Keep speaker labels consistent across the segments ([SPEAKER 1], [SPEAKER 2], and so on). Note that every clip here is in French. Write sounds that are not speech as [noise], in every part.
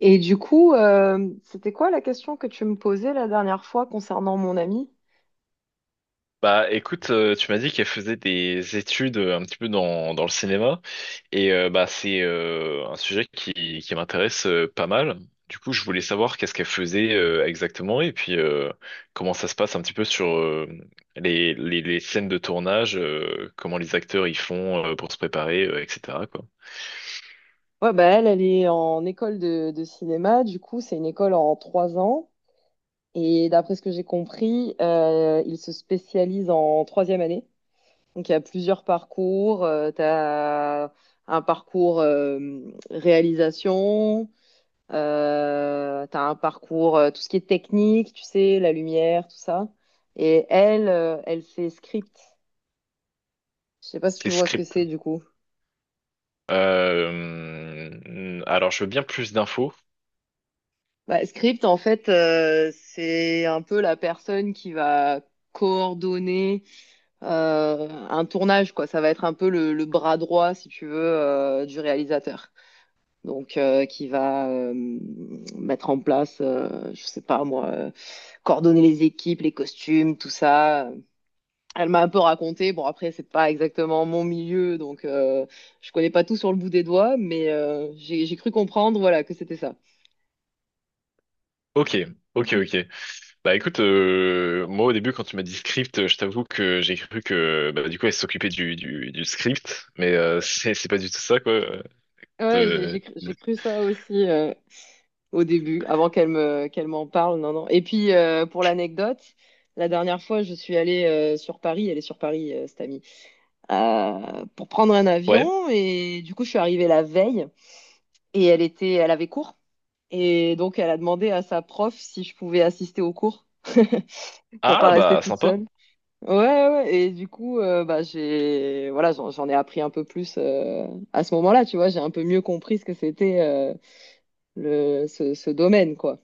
[SPEAKER 1] Et du coup, euh, C'était quoi la question que tu me posais la dernière fois concernant mon amie?
[SPEAKER 2] Bah écoute, tu m'as dit qu'elle faisait des études un petit peu dans le cinéma et bah c'est un sujet qui m'intéresse pas mal. Du coup, je voulais savoir qu'est-ce qu'elle faisait exactement et puis comment ça se passe un petit peu sur les scènes de tournage, comment les acteurs y font pour se préparer, etc. quoi.
[SPEAKER 1] Ouais, bah elle est en école de cinéma. Du coup, c'est une école en 3 ans. Et d'après ce que j'ai compris, ils se spécialisent en troisième année. Donc, il y a plusieurs parcours. Tu as un parcours réalisation. Tu as un parcours, tout ce qui est technique, tu sais, la lumière, tout ça. Et elle, elle fait script. Je sais pas si tu
[SPEAKER 2] C'est
[SPEAKER 1] vois ce que
[SPEAKER 2] script.
[SPEAKER 1] c'est du coup.
[SPEAKER 2] Alors, je veux bien plus d'infos.
[SPEAKER 1] Bah, script, en fait, c'est un peu la personne qui va coordonner un tournage, quoi. Ça va être un peu le bras droit, si tu veux, du réalisateur. Donc, qui va mettre en place, je sais pas moi, coordonner les équipes, les costumes, tout ça. Elle m'a un peu raconté. Bon, après, c'est pas exactement mon milieu, donc je connais pas tout sur le bout des doigts, mais j'ai cru comprendre, voilà, que c'était ça.
[SPEAKER 2] Ok, ok, ok. Bah écoute, moi au début quand tu m'as dit script, je t'avoue que j'ai cru que bah, du coup elle s'occupait du script, mais [laughs] c'est pas du tout ça quoi.
[SPEAKER 1] Ouais, j'ai
[SPEAKER 2] De-
[SPEAKER 1] j'ai cru, j'ai
[SPEAKER 2] de-
[SPEAKER 1] cru ça aussi au début, avant qu'elle m'en parle. Non, non. Et puis pour l'anecdote, la dernière fois, je suis allée sur Paris. Elle est sur Paris, cette amie, pour prendre un
[SPEAKER 2] Ouais.
[SPEAKER 1] avion. Et du coup, je suis arrivée la veille et elle avait cours. Et donc, elle a demandé à sa prof si je pouvais assister au cours [laughs] pour pas
[SPEAKER 2] Ah
[SPEAKER 1] rester
[SPEAKER 2] bah
[SPEAKER 1] toute
[SPEAKER 2] sympa.
[SPEAKER 1] seule. Ouais, ouais, ouais. Et du coup, bah j'ai voilà, j'en ai appris un peu plus à ce moment-là. Tu vois, j'ai un peu mieux compris ce que c'était. Ce domaine, quoi.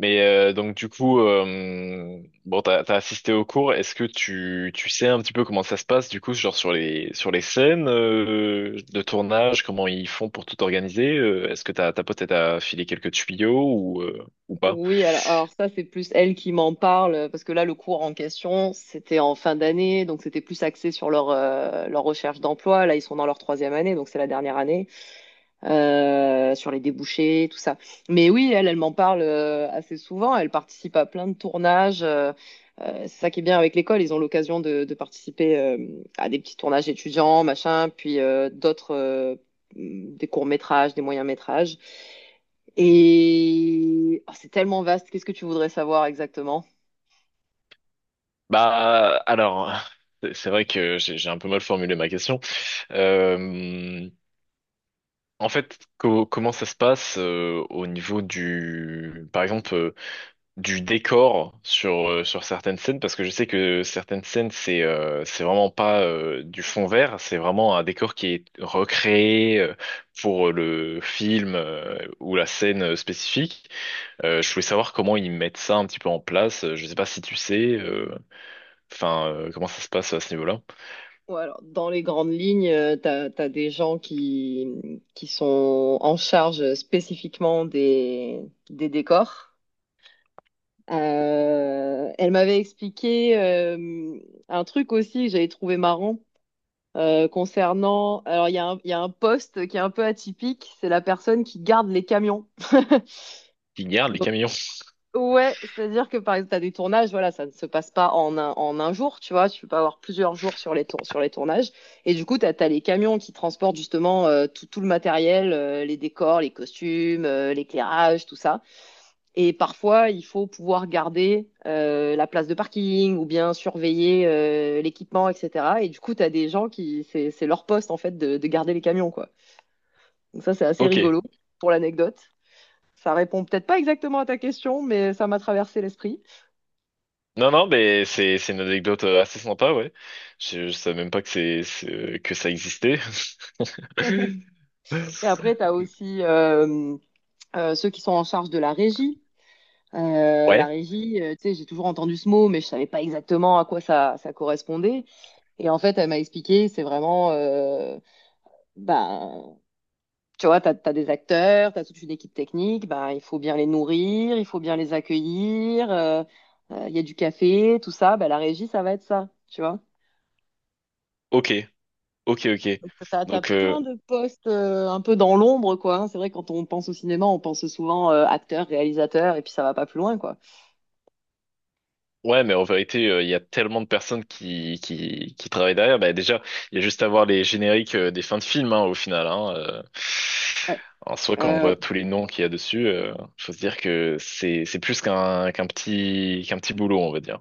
[SPEAKER 2] Mais donc du coup, bon, t'as assisté au cours. Est-ce que tu sais un petit peu comment ça se passe du coup, genre sur les scènes de tournage, comment ils font pour tout organiser? Est-ce que ta pote elle t'a filé quelques tuyaux ou pas?
[SPEAKER 1] Oui, alors ça, c'est plus elle qui m'en parle, parce que là, le cours en question, c'était en fin d'année, donc c'était plus axé sur leur, leur recherche d'emploi. Là, ils sont dans leur troisième année, donc c'est la dernière année. Sur les débouchés, tout ça. Mais oui, elle m'en parle assez souvent. Elle participe à plein de tournages. C'est ça qui est bien avec l'école. Ils ont l'occasion de participer à des petits tournages étudiants, machin, puis d'autres, des courts-métrages, des moyens-métrages. Et oh, c'est tellement vaste. Qu'est-ce que tu voudrais savoir exactement?
[SPEAKER 2] Bah alors, c'est vrai que j'ai un peu mal formulé ma question. Euh, En fait, comment ça se passe au niveau du, par exemple. Du décor sur, sur certaines scènes, parce que je sais que certaines scènes, c'est vraiment pas du fond vert, c'est vraiment un décor qui est recréé pour le film ou la scène spécifique. Je voulais savoir comment ils mettent ça un petit peu en place. Je sais pas si tu sais, comment ça se passe à ce niveau-là.
[SPEAKER 1] Ouais, alors, dans les grandes lignes, t'as des gens qui sont en charge spécifiquement des décors. Elle m'avait expliqué un truc aussi que j'avais trouvé marrant concernant. Alors, il y a un poste qui est un peu atypique, c'est la personne qui garde les camions. [laughs]
[SPEAKER 2] Ils gardent les
[SPEAKER 1] Donc,
[SPEAKER 2] camions.
[SPEAKER 1] ouais, c'est-à-dire que par exemple, tu as des tournages, voilà, ça ne se passe pas en un jour, tu vois, tu peux pas avoir plusieurs jours sur sur les tournages. Et du coup, les camions qui transportent justement tout le matériel, les décors, les costumes, l'éclairage, tout ça. Et parfois, il faut pouvoir garder la place de parking ou bien surveiller l'équipement, etc. Et du coup, tu as des gens c'est leur poste en fait de garder les camions, quoi. Donc ça, c'est assez
[SPEAKER 2] Ok.
[SPEAKER 1] rigolo pour l'anecdote. Ça répond peut-être pas exactement à ta question, mais ça m'a traversé l'esprit.
[SPEAKER 2] Non, non, mais c'est une anecdote assez sympa, ouais. Je savais même pas que que ça existait.
[SPEAKER 1] [laughs] Et après,
[SPEAKER 2] [laughs]
[SPEAKER 1] tu as aussi ceux qui sont en charge de la régie. La
[SPEAKER 2] Ouais.
[SPEAKER 1] régie, tu sais, j'ai toujours entendu ce mot, mais je savais pas exactement à quoi ça correspondait. Et en fait, elle m'a expliqué, c'est vraiment, bah, tu vois, des acteurs, tu as toute une équipe technique, bah, il faut bien les nourrir, il faut bien les accueillir, il y a du café, tout ça, bah, la régie, ça va être ça, tu vois.
[SPEAKER 2] Ok, ok, ok.
[SPEAKER 1] Donc,
[SPEAKER 2] Donc,
[SPEAKER 1] plein de postes un peu dans l'ombre, quoi, hein. C'est vrai, quand on pense au cinéma, on pense souvent acteur, réalisateur, et puis ça va pas plus loin, quoi.
[SPEAKER 2] ouais, mais en vérité, il y a tellement de personnes qui travaillent derrière. Bah, déjà, il y a juste à voir les génériques des fins de films, hein, au final. Hein,
[SPEAKER 1] Ouais.
[SPEAKER 2] En soi, quand on
[SPEAKER 1] Euh,
[SPEAKER 2] voit tous les noms qu'il y a dessus, faut se dire que c'est plus qu'un petit boulot, on va dire.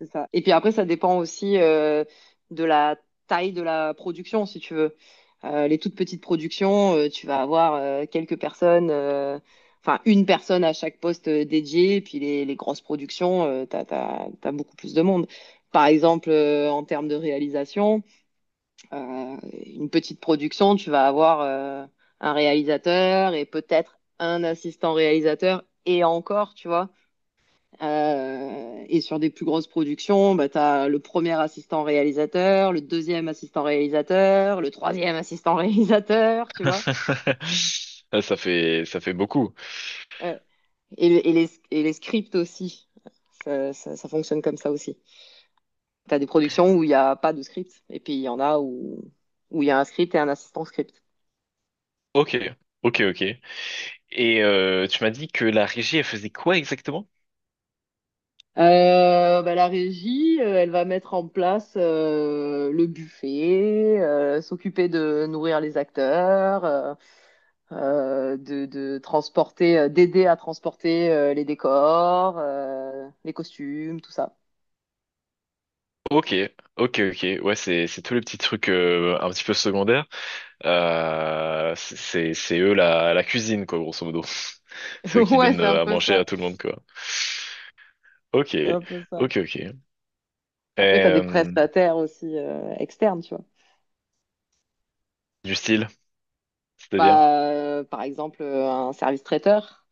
[SPEAKER 1] C'est ça. Et puis après, ça dépend aussi de la taille de la production, si tu veux. Les toutes petites productions, tu vas avoir quelques personnes, enfin une personne à chaque poste dédié. Et puis les grosses productions, t'as beaucoup plus de monde. Par exemple, en termes de réalisation, euh, une petite production, tu vas avoir un réalisateur et peut-être un assistant réalisateur et encore, tu vois. Et sur des plus grosses productions, bah, tu as le premier assistant réalisateur, le deuxième assistant réalisateur, le troisième assistant [laughs] réalisateur, tu vois.
[SPEAKER 2] [laughs]
[SPEAKER 1] Et,
[SPEAKER 2] Ça fait beaucoup.
[SPEAKER 1] ouais. Et les scripts aussi. Ça, ça fonctionne comme ça aussi. Tu as des productions où il n'y a pas de script, et puis il y en a où où il où y a un script et un assistant script.
[SPEAKER 2] Ok, ok, ok. Et tu m'as dit que la régie, elle faisait quoi exactement?
[SPEAKER 1] Bah, la régie, elle va mettre en place le buffet, s'occuper de nourrir les acteurs, de transporter, d'aider à transporter les décors, les costumes, tout ça.
[SPEAKER 2] Ok, ok, ok. Ouais, c'est tous les petits trucs un petit peu secondaires. C'est eux la cuisine quoi, grosso modo. [laughs] C'est eux
[SPEAKER 1] [laughs]
[SPEAKER 2] qui
[SPEAKER 1] Ouais,
[SPEAKER 2] donnent
[SPEAKER 1] c'est un
[SPEAKER 2] à
[SPEAKER 1] peu
[SPEAKER 2] manger à
[SPEAKER 1] ça.
[SPEAKER 2] tout le monde quoi. Ok,
[SPEAKER 1] C'est un peu ça.
[SPEAKER 2] ok, ok.
[SPEAKER 1] Après, t'as des
[SPEAKER 2] Euh,
[SPEAKER 1] prestataires aussi externes, tu vois.
[SPEAKER 2] du style, c'est-à-dire?
[SPEAKER 1] Bah, par exemple, un service traiteur.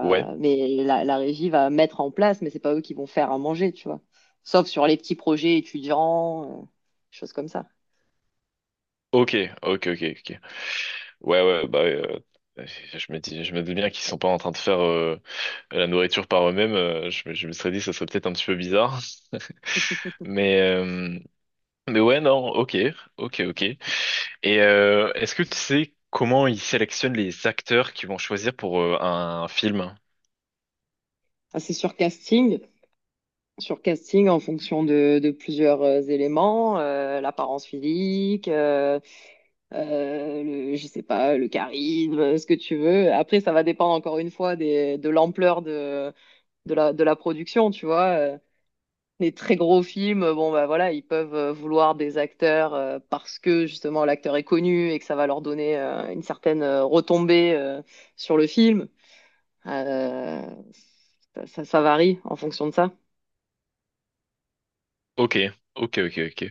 [SPEAKER 2] Ouais.
[SPEAKER 1] Mais la régie va mettre en place, mais c'est pas eux qui vont faire à manger, tu vois. Sauf sur les petits projets étudiants, choses comme ça.
[SPEAKER 2] Ok, ok, ok, ok. Ouais, ouais, bah, ouais, euh, je me dis bien qu'ils sont pas en train de faire la nourriture par eux-mêmes. Je me serais dit, ça serait peut-être un petit peu bizarre. [laughs] Mais, euh, mais ouais, non, ok, ok, ok. Et est-ce que tu sais comment ils sélectionnent les acteurs qui vont choisir pour un film?
[SPEAKER 1] Ah, c'est sur casting en fonction de plusieurs éléments, l'apparence physique, euh, je sais pas, le charisme, ce que tu veux. Après, ça va dépendre encore une fois de l'ampleur de la production, tu vois. Les très gros films, bon bah voilà, ils peuvent vouloir des acteurs parce que justement l'acteur est connu et que ça va leur donner une certaine retombée sur le film. Euh, Ça varie en fonction de ça.
[SPEAKER 2] Ok, ok, ok, ok.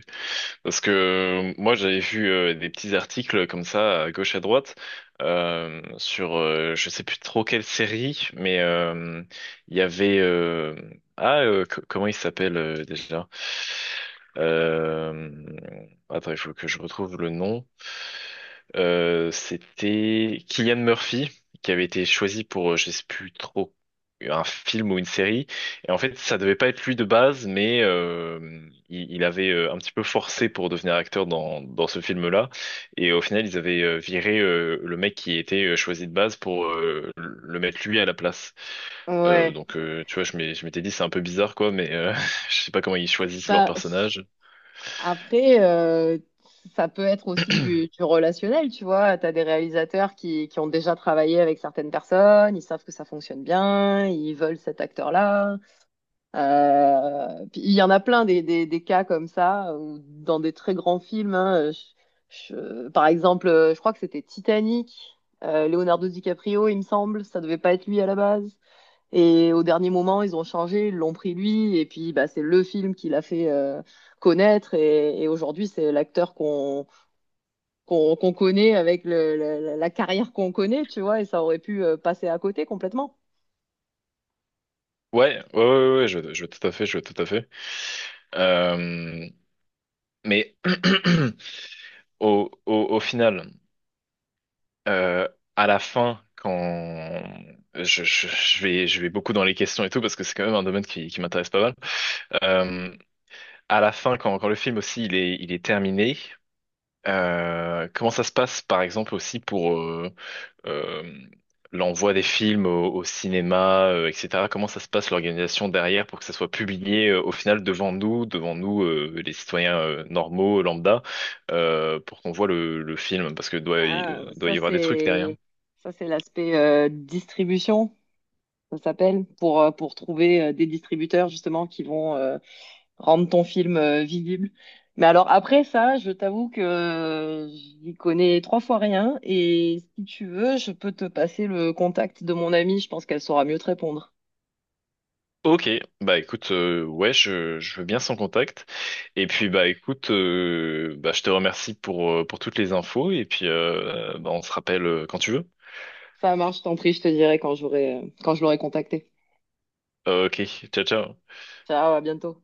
[SPEAKER 2] Parce que moi, j'avais vu des petits articles comme ça, à gauche à droite, sur je sais plus trop quelle série, mais il y avait comment il s'appelle déjà? Euh, Attends, il faut que je retrouve le nom. C'était Cillian Murphy qui avait été choisi pour je sais plus trop un film ou une série et en fait, ça devait pas être lui de base, mais il avait un petit peu forcé pour devenir acteur dans ce film-là. Et au final, ils avaient viré le mec qui était choisi de base pour le mettre lui à la place.
[SPEAKER 1] Ouais.
[SPEAKER 2] Tu vois, je m'étais dit, c'est un peu bizarre, quoi, mais [laughs] je sais pas comment ils choisissent leur
[SPEAKER 1] Bah,
[SPEAKER 2] personnage.
[SPEAKER 1] après, ça peut être aussi
[SPEAKER 2] [clears throat]
[SPEAKER 1] du relationnel, tu vois. Tu as des réalisateurs qui ont déjà travaillé avec certaines personnes, ils savent que ça fonctionne bien, ils veulent cet acteur-là. Puis il y en a plein des cas comme ça, ou dans des très grands films, hein. Par exemple, je crois que c'était Titanic, Leonardo DiCaprio, il me semble, ça devait pas être lui à la base. Et au dernier moment, ils ont changé, ils l'ont pris lui, et puis bah, c'est le film qui l'a fait connaître. Et aujourd'hui, c'est l'acteur qu'on connaît avec le, la carrière qu'on connaît, tu vois, et ça aurait pu passer à côté complètement.
[SPEAKER 2] Ouais, ouais, ouais, ouais, je vois tout à fait, je vois tout à fait. Euh, mais [clears throat] au final. euh, à la fin, quand je vais beaucoup dans les questions et tout, parce que c'est quand même un domaine qui m'intéresse pas mal. Euh, à la fin, quand le film aussi il est terminé, comment ça se passe, par exemple, aussi pour, euh, l'envoi des films au cinéma, etc. Comment ça se passe l'organisation derrière pour que ça soit publié au final devant nous les citoyens normaux, lambda, pour qu'on voit le film, parce que
[SPEAKER 1] Ah,
[SPEAKER 2] doit y avoir des trucs derrière.
[SPEAKER 1] ça, c'est l'aspect distribution, ça s'appelle, pour trouver des distributeurs justement qui vont rendre ton film visible. Mais alors après ça, je t'avoue que j'y connais trois fois rien et si tu veux, je peux te passer le contact de mon amie, je pense qu'elle saura mieux te répondre.
[SPEAKER 2] Ok, bah écoute, ouais, je veux bien son contact. Et puis bah écoute, bah, je te remercie pour toutes les infos et puis bah, on se rappelle quand tu veux.
[SPEAKER 1] Ça marche, je t'en prie, je te dirai quand j'aurai quand je l'aurai contactée.
[SPEAKER 2] Ok, ciao ciao.
[SPEAKER 1] Ciao, à bientôt.